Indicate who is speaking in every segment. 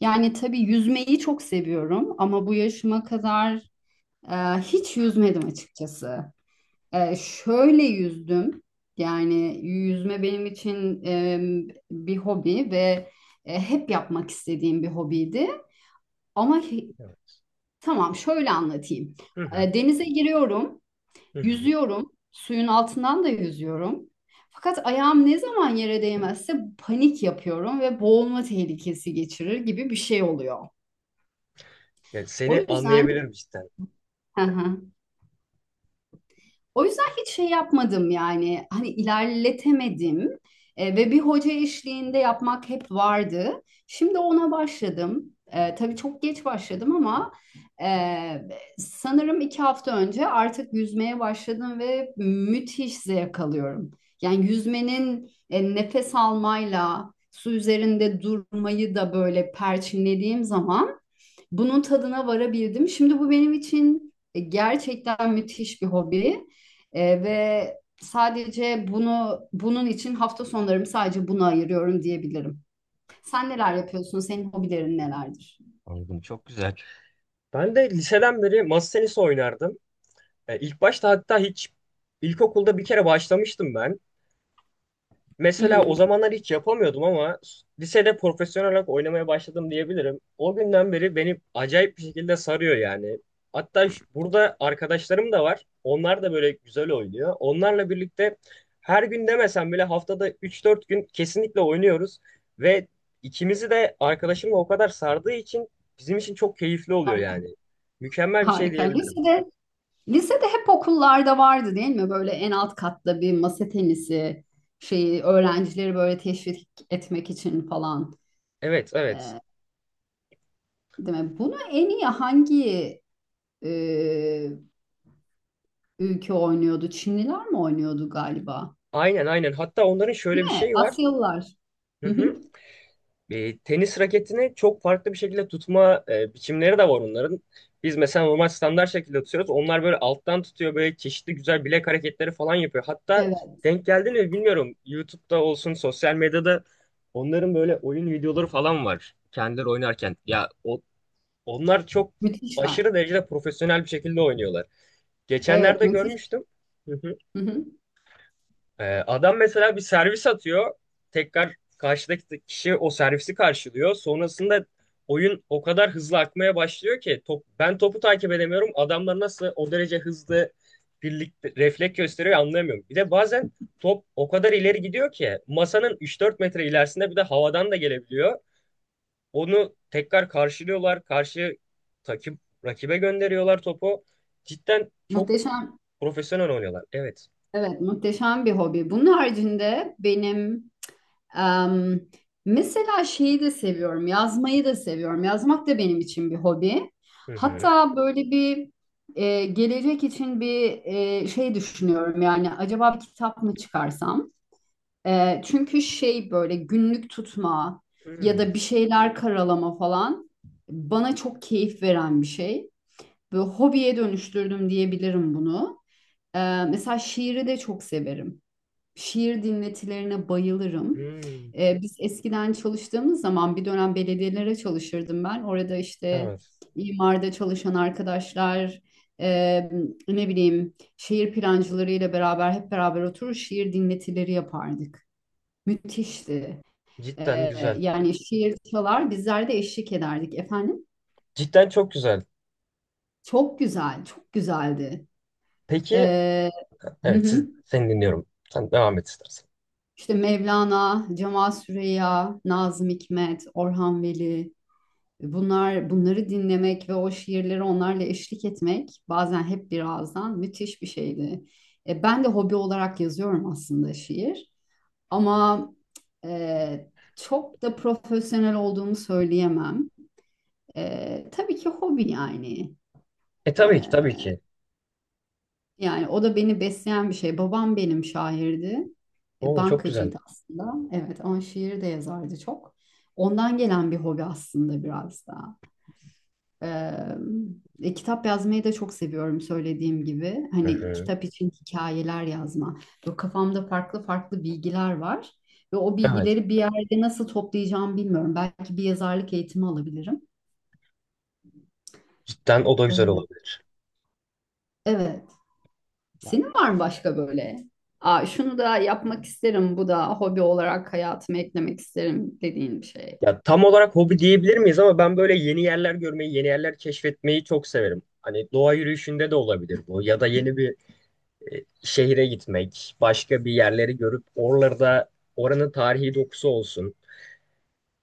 Speaker 1: Yani tabii yüzmeyi çok seviyorum ama bu yaşıma kadar e, hiç yüzmedim açıkçası. Şöyle yüzdüm. Yani yüzme benim için bir hobi ve hep yapmak istediğim bir hobiydi. Ama hi-
Speaker 2: Evet.
Speaker 1: tamam, şöyle anlatayım.
Speaker 2: Hı hı.
Speaker 1: Denize giriyorum,
Speaker 2: Hı hı.
Speaker 1: yüzüyorum, suyun altından da yüzüyorum. Fakat ayağım ne zaman yere değmezse panik yapıyorum ve boğulma tehlikesi geçirir gibi bir şey oluyor.
Speaker 2: Yani
Speaker 1: O
Speaker 2: seni
Speaker 1: yüzden
Speaker 2: anlayabilirim cidden.
Speaker 1: Hı hı. O yüzden hiç şey yapmadım, yani hani ilerletemedim. Ve bir hoca eşliğinde yapmak hep vardı. Şimdi ona başladım. Tabii çok geç başladım ama e, sanırım 2 hafta önce artık yüzmeye başladım ve müthiş zevk alıyorum. Yani yüzmenin nefes almayla su üzerinde durmayı da böyle perçinlediğim zaman bunun tadına varabildim. Şimdi bu benim için gerçekten müthiş bir hobi. Ve sadece bunun için hafta sonlarımı sadece buna ayırıyorum diyebilirim. Sen neler yapıyorsun? Senin hobilerin nelerdir?
Speaker 2: Anladım. Çok güzel. Ben de liseden beri masa tenisi oynardım. İlk başta hatta hiç ilkokulda bir kere başlamıştım ben.
Speaker 1: Hı
Speaker 2: Mesela o
Speaker 1: hı.
Speaker 2: zamanlar hiç yapamıyordum ama lisede profesyonel olarak oynamaya başladım diyebilirim. O günden beri beni acayip bir şekilde sarıyor yani. Hatta burada arkadaşlarım da var. Onlar da böyle güzel oynuyor. Onlarla birlikte her gün demesem bile haftada üç dört gün kesinlikle oynuyoruz. Ve ikimizi de arkadaşımla o kadar sardığı için bizim için çok keyifli oluyor
Speaker 1: Harika.
Speaker 2: yani. Mükemmel bir şey
Speaker 1: Harika.
Speaker 2: diyebilirim.
Speaker 1: Lisede, hep okullarda vardı, değil mi? Böyle en alt katta bir masa tenisi şeyi, öğrencileri böyle teşvik etmek için falan.
Speaker 2: Evet, evet.
Speaker 1: E, Değil mi? Bunu en iyi hangi e, ülke oynuyordu? Çinliler mi oynuyordu galiba?
Speaker 2: Aynen, aynen. Hatta onların şöyle
Speaker 1: Değil
Speaker 2: bir
Speaker 1: mi?
Speaker 2: şeyi var.
Speaker 1: Asyalılar.
Speaker 2: Hı
Speaker 1: Hı
Speaker 2: hı.
Speaker 1: hı.
Speaker 2: E, tenis raketini çok farklı bir şekilde tutma biçimleri de var onların. Biz mesela normal standart şekilde tutuyoruz. Onlar böyle alttan tutuyor böyle çeşitli güzel bilek hareketleri falan yapıyor. Hatta
Speaker 1: Evet.
Speaker 2: denk geldi mi bilmiyorum. YouTube'da olsun sosyal medyada onların böyle oyun videoları falan var. Kendileri oynarken. Ya o, onlar çok
Speaker 1: Müthişler.
Speaker 2: aşırı derecede profesyonel bir şekilde oynuyorlar.
Speaker 1: Evet,
Speaker 2: Geçenlerde
Speaker 1: müthiş.
Speaker 2: görmüştüm.
Speaker 1: Hı hı.
Speaker 2: Adam mesela bir servis atıyor. Tekrar karşıdaki kişi o servisi karşılıyor. Sonrasında oyun o kadar hızlı akmaya başlıyor ki top, ben topu takip edemiyorum. Adamlar nasıl o derece hızlı birlikte refleks gösteriyor anlayamıyorum. Bir de bazen top o kadar ileri gidiyor ki masanın 3-4 metre ilerisinde bir de havadan da gelebiliyor. Onu tekrar karşılıyorlar. Karşı takip rakibe gönderiyorlar topu. Cidden çok
Speaker 1: Muhteşem.
Speaker 2: profesyonel oynuyorlar. Evet.
Speaker 1: Evet, muhteşem bir hobi. Bunun haricinde benim em, mesela şeyi de seviyorum, yazmayı da seviyorum. Yazmak da benim için bir hobi.
Speaker 2: Hı hı.
Speaker 1: Hatta böyle bir gelecek için bir şey düşünüyorum. Yani acaba bir kitap mı çıkarsam? Çünkü şey, böyle günlük tutma ya
Speaker 2: Hmm.
Speaker 1: da bir şeyler karalama falan bana çok keyif veren bir şey. Böyle hobiye dönüştürdüm diyebilirim bunu. Ee, Mesela şiiri de çok severim. Şiir dinletilerine bayılırım.
Speaker 2: Hmm.
Speaker 1: Biz eskiden çalıştığımız zaman bir dönem belediyelere çalışırdım ben. Orada işte
Speaker 2: Evet.
Speaker 1: imarda çalışan arkadaşlar, e, ne bileyim şehir plancılarıyla beraber hep beraber oturur şiir dinletileri yapardık. Müthişti.
Speaker 2: Cidden güzel.
Speaker 1: Yani şiir çalar bizler de eşlik ederdik efendim.
Speaker 2: Cidden çok güzel.
Speaker 1: Çok güzel, çok güzeldi.
Speaker 2: Peki,
Speaker 1: Ee,
Speaker 2: evet siz, seni dinliyorum. Sen devam et istersen.
Speaker 1: İşte Mevlana, Cemal Süreya, Nazım Hikmet, Orhan Veli, bunlar bunları dinlemek ve o şiirleri onlarla eşlik etmek bazen hep bir ağızdan müthiş bir şeydi. Ben de hobi olarak yazıyorum aslında şiir,
Speaker 2: Hı hı.
Speaker 1: ama e, çok da profesyonel olduğumu söyleyemem. Tabii ki hobi yani.
Speaker 2: E
Speaker 1: E,
Speaker 2: tabii ki tabii ki.
Speaker 1: Yani o da beni besleyen bir şey. Babam benim şairdi.
Speaker 2: Oo, çok güzel.
Speaker 1: Bankacıydı aslında. Evet ama şiir de yazardı çok. Ondan gelen bir hobi aslında biraz da. Ee, Kitap yazmayı da çok seviyorum, söylediğim gibi.
Speaker 2: Hı
Speaker 1: Hani
Speaker 2: hı.
Speaker 1: kitap için hikayeler yazma. Böyle kafamda farklı farklı bilgiler var. Ve o
Speaker 2: Evet.
Speaker 1: bilgileri bir yerde nasıl toplayacağımı bilmiyorum. Belki bir yazarlık eğitimi alabilirim.
Speaker 2: Cidden o da güzel
Speaker 1: Ee,
Speaker 2: olabilir.
Speaker 1: evet. Senin var mı başka böyle? Aa, şunu da yapmak isterim, bu da hobi olarak hayatıma eklemek isterim dediğin bir şey.
Speaker 2: Ya tam olarak hobi diyebilir miyiz ama ben böyle yeni yerler görmeyi, yeni yerler keşfetmeyi çok severim. Hani doğa yürüyüşünde de olabilir bu ya da yeni bir şehre gitmek, başka bir yerleri görüp oralarda oranın tarihi dokusu olsun.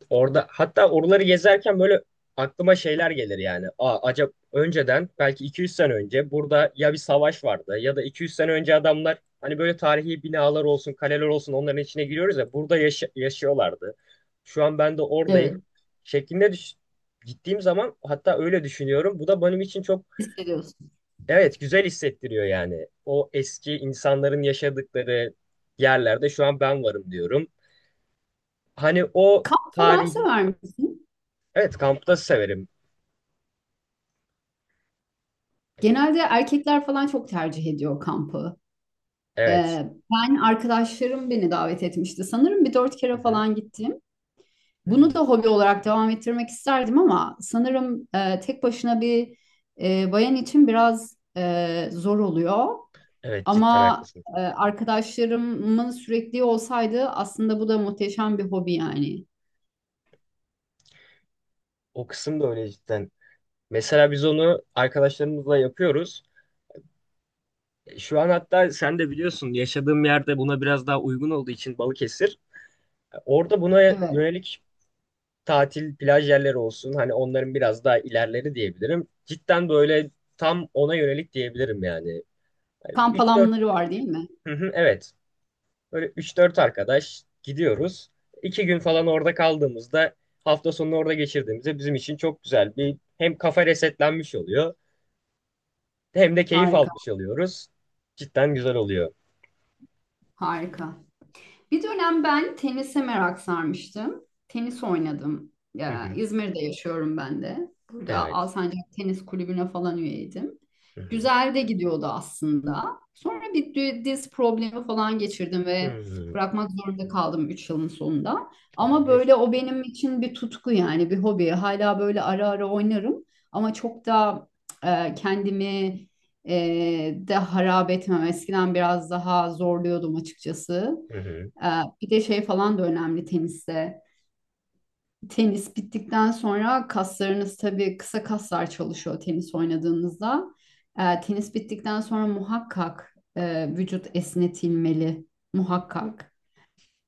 Speaker 2: Orada hatta oraları gezerken böyle aklıma şeyler gelir yani. Aa, acaba önceden belki 200 sene önce burada ya bir savaş vardı ya da 200 sene önce adamlar hani böyle tarihi binalar olsun, kaleler olsun onların içine giriyoruz ya burada yaşıyorlardı. Şu an ben de oradayım
Speaker 1: Evet.
Speaker 2: şeklinde düş gittiğim zaman hatta öyle düşünüyorum. Bu da benim için çok
Speaker 1: Hissediyorsun.
Speaker 2: evet güzel hissettiriyor yani. O eski insanların yaşadıkları yerlerde şu an ben varım diyorum. Hani o
Speaker 1: Kamp falan
Speaker 2: tarihi
Speaker 1: sever misin?
Speaker 2: Evet kampta severim.
Speaker 1: Genelde erkekler falan çok tercih ediyor kampı.
Speaker 2: Evet.
Speaker 1: Ben arkadaşlarım beni davet etmişti. Sanırım bir dört
Speaker 2: Hı
Speaker 1: kere
Speaker 2: hı.
Speaker 1: falan gittim. Bunu
Speaker 2: Hı.
Speaker 1: da hobi olarak devam ettirmek isterdim ama sanırım tek başına bir bayan için biraz zor oluyor.
Speaker 2: Evet cidden
Speaker 1: Ama
Speaker 2: haklısın.
Speaker 1: arkadaşlarımın sürekli olsaydı aslında bu da muhteşem bir hobi yani.
Speaker 2: O kısım da öyle cidden. Mesela biz onu arkadaşlarımızla yapıyoruz. Şu an hatta sen de biliyorsun yaşadığım yerde buna biraz daha uygun olduğu için Balıkesir. Orada buna
Speaker 1: Evet.
Speaker 2: yönelik tatil plaj yerleri olsun. Hani onların biraz daha ilerleri diyebilirim. Cidden böyle tam ona yönelik diyebilirim yani. Yani
Speaker 1: Kamp
Speaker 2: 3-4
Speaker 1: alanları var değil mi?
Speaker 2: Hı hı, evet. Böyle üç dört arkadaş gidiyoruz. 2 gün falan orada kaldığımızda hafta sonunu orada geçirdiğimizde bizim için çok güzel bir hem kafa resetlenmiş oluyor hem de keyif
Speaker 1: Harika,
Speaker 2: almış oluyoruz. Cidden güzel oluyor.
Speaker 1: harika. Bir dönem ben tenise merak sarmıştım. Tenis oynadım.
Speaker 2: Hı
Speaker 1: Ya,
Speaker 2: hı.
Speaker 1: İzmir'de yaşıyorum ben de. Burada
Speaker 2: Evet.
Speaker 1: Alsancak Tenis Kulübü'ne falan üyeydim.
Speaker 2: Hı hı.
Speaker 1: Güzel de gidiyordu aslında. Sonra bir diz problemi falan geçirdim
Speaker 2: Hı
Speaker 1: ve
Speaker 2: hı.
Speaker 1: bırakmak zorunda kaldım 3 yılın sonunda. Ama
Speaker 2: Abi
Speaker 1: böyle o benim için bir tutku, yani bir hobi. Hala böyle ara ara oynarım ama çok da kendimi de harap etmem. Eskiden biraz daha zorluyordum açıkçası.
Speaker 2: Hı hı.
Speaker 1: Ee, Bir de şey falan da önemli teniste. Tenis bittikten sonra kaslarınız tabii, kısa kaslar çalışıyor tenis oynadığınızda. Tenis bittikten sonra muhakkak vücut esnetilmeli, muhakkak.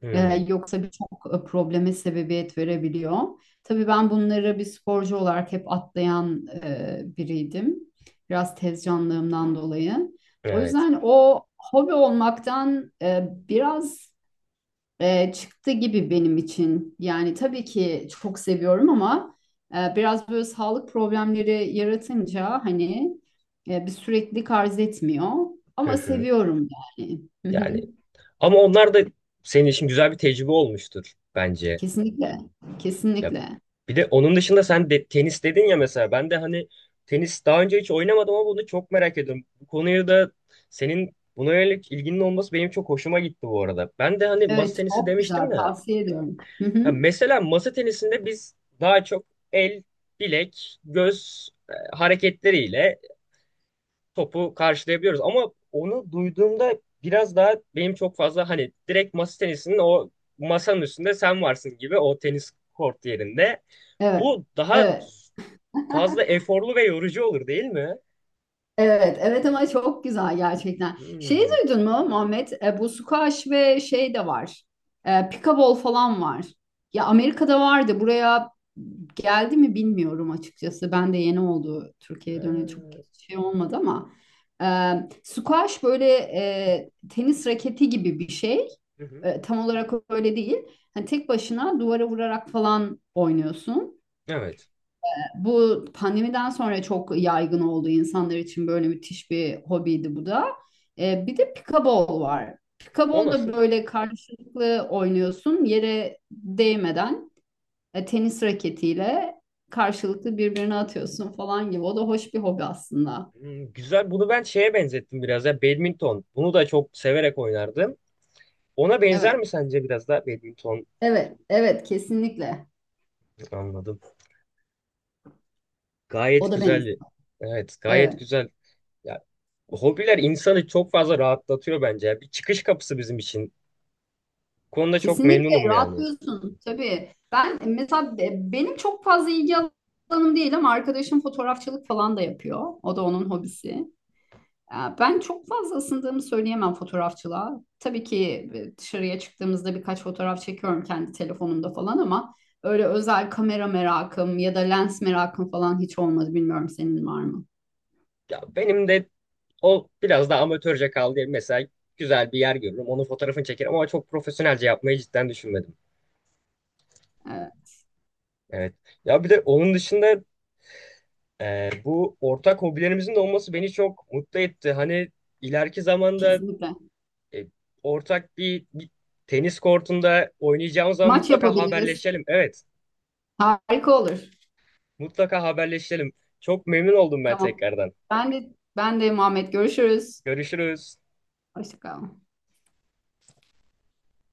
Speaker 2: Hı.
Speaker 1: Yoksa birçok probleme sebebiyet verebiliyor. Tabii ben bunları bir sporcu olarak hep atlayan biriydim. Biraz tez canlığımdan dolayı. O
Speaker 2: Evet.
Speaker 1: yüzden o hobi olmaktan biraz çıktı gibi benim için. Yani tabii ki çok seviyorum ama biraz böyle sağlık problemleri yaratınca, hani bir süreklilik arz etmiyor.
Speaker 2: Hı
Speaker 1: Ama
Speaker 2: hı.
Speaker 1: seviyorum yani. Hı hı.
Speaker 2: Yani ama onlar da senin için güzel bir tecrübe olmuştur bence.
Speaker 1: Kesinlikle.
Speaker 2: Ya
Speaker 1: Kesinlikle.
Speaker 2: bir de onun dışında sen de tenis dedin ya mesela ben de hani tenis daha önce hiç oynamadım ama bunu çok merak ediyorum. Bu konuyu da senin buna yönelik ilginin olması benim çok hoşuma gitti bu arada. Ben de hani masa
Speaker 1: Evet,
Speaker 2: tenisi
Speaker 1: çok güzel,
Speaker 2: demiştim ya.
Speaker 1: tavsiye ediyorum. Hı
Speaker 2: Ha
Speaker 1: hı.
Speaker 2: mesela masa tenisinde biz daha çok el, bilek, göz hareketleriyle topu karşılayabiliyoruz. Ama onu duyduğumda biraz daha benim çok fazla hani direkt masa tenisinin o masanın üstünde sen varsın gibi o tenis kort yerinde.
Speaker 1: Evet.
Speaker 2: Bu daha
Speaker 1: Evet.
Speaker 2: fazla eforlu ve yorucu olur değil mi?
Speaker 1: Evet, evet ama çok güzel gerçekten. Şeyi
Speaker 2: Hmm.
Speaker 1: duydun mu, Muhammed? Bu squash ve şey de var. Pickleball falan var. Ya, Amerika'da vardı. Buraya geldi mi bilmiyorum açıkçası. Ben de yeni oldu. Türkiye'ye döneli çok
Speaker 2: Ha,
Speaker 1: şey olmadı ama. E, Squash böyle tenis raketi gibi bir şey.
Speaker 2: Hı hı.
Speaker 1: Tam olarak öyle değil. Hani tek başına duvara vurarak falan oynuyorsun.
Speaker 2: Evet.
Speaker 1: Bu pandemiden sonra çok yaygın oldu, insanlar için böyle müthiş bir hobiydi bu da. Bir de pikabol var.
Speaker 2: O
Speaker 1: Pikabol da
Speaker 2: nasıl?
Speaker 1: böyle karşılıklı oynuyorsun, yere değmeden tenis raketiyle karşılıklı birbirine atıyorsun falan gibi. O da hoş bir hobi aslında.
Speaker 2: Hmm, güzel. Bunu ben şeye benzettim biraz ya badminton. Bunu da çok severek oynardım. Ona benzer
Speaker 1: Evet,
Speaker 2: mi sence biraz daha badminton?
Speaker 1: evet, evet, kesinlikle.
Speaker 2: Anladım.
Speaker 1: O
Speaker 2: Gayet
Speaker 1: da
Speaker 2: güzel.
Speaker 1: benziyor.
Speaker 2: Evet, gayet
Speaker 1: Evet.
Speaker 2: güzel. Ya hobiler insanı çok fazla rahatlatıyor bence. Ya. Bir çıkış kapısı bizim için. Bu konuda çok
Speaker 1: Kesinlikle
Speaker 2: memnunum yani.
Speaker 1: rahatlıyorsun tabii. Ben mesela benim çok fazla ilgi alanım değil ama arkadaşım fotoğrafçılık falan da yapıyor. O da onun hobisi. Ya, ben çok fazla ısındığımı söyleyemem fotoğrafçılığa. Tabii ki dışarıya çıktığımızda birkaç fotoğraf çekiyorum kendi telefonumda falan ama öyle özel kamera merakım ya da lens merakım falan hiç olmadı. Bilmiyorum, senin var mı?
Speaker 2: Ya benim de o biraz da amatörce kaldı. Mesela güzel bir yer görürüm. Onun fotoğrafını çekerim ama çok profesyonelce yapmayı cidden düşünmedim.
Speaker 1: Ee,
Speaker 2: Evet. Ya bir de onun dışında bu ortak hobilerimizin de olması beni çok mutlu etti. Hani ileriki zamanda
Speaker 1: Kesinlikle.
Speaker 2: e, ortak bir, bir tenis kortunda oynayacağımız zaman
Speaker 1: Maç
Speaker 2: mutlaka
Speaker 1: yapabiliriz.
Speaker 2: haberleşelim. Evet.
Speaker 1: Harika olur.
Speaker 2: Mutlaka haberleşelim. Çok memnun oldum ben
Speaker 1: Tamam.
Speaker 2: tekrardan.
Speaker 1: Ben de Muhammed, görüşürüz.
Speaker 2: Görüşürüz.
Speaker 1: Hoşça kal.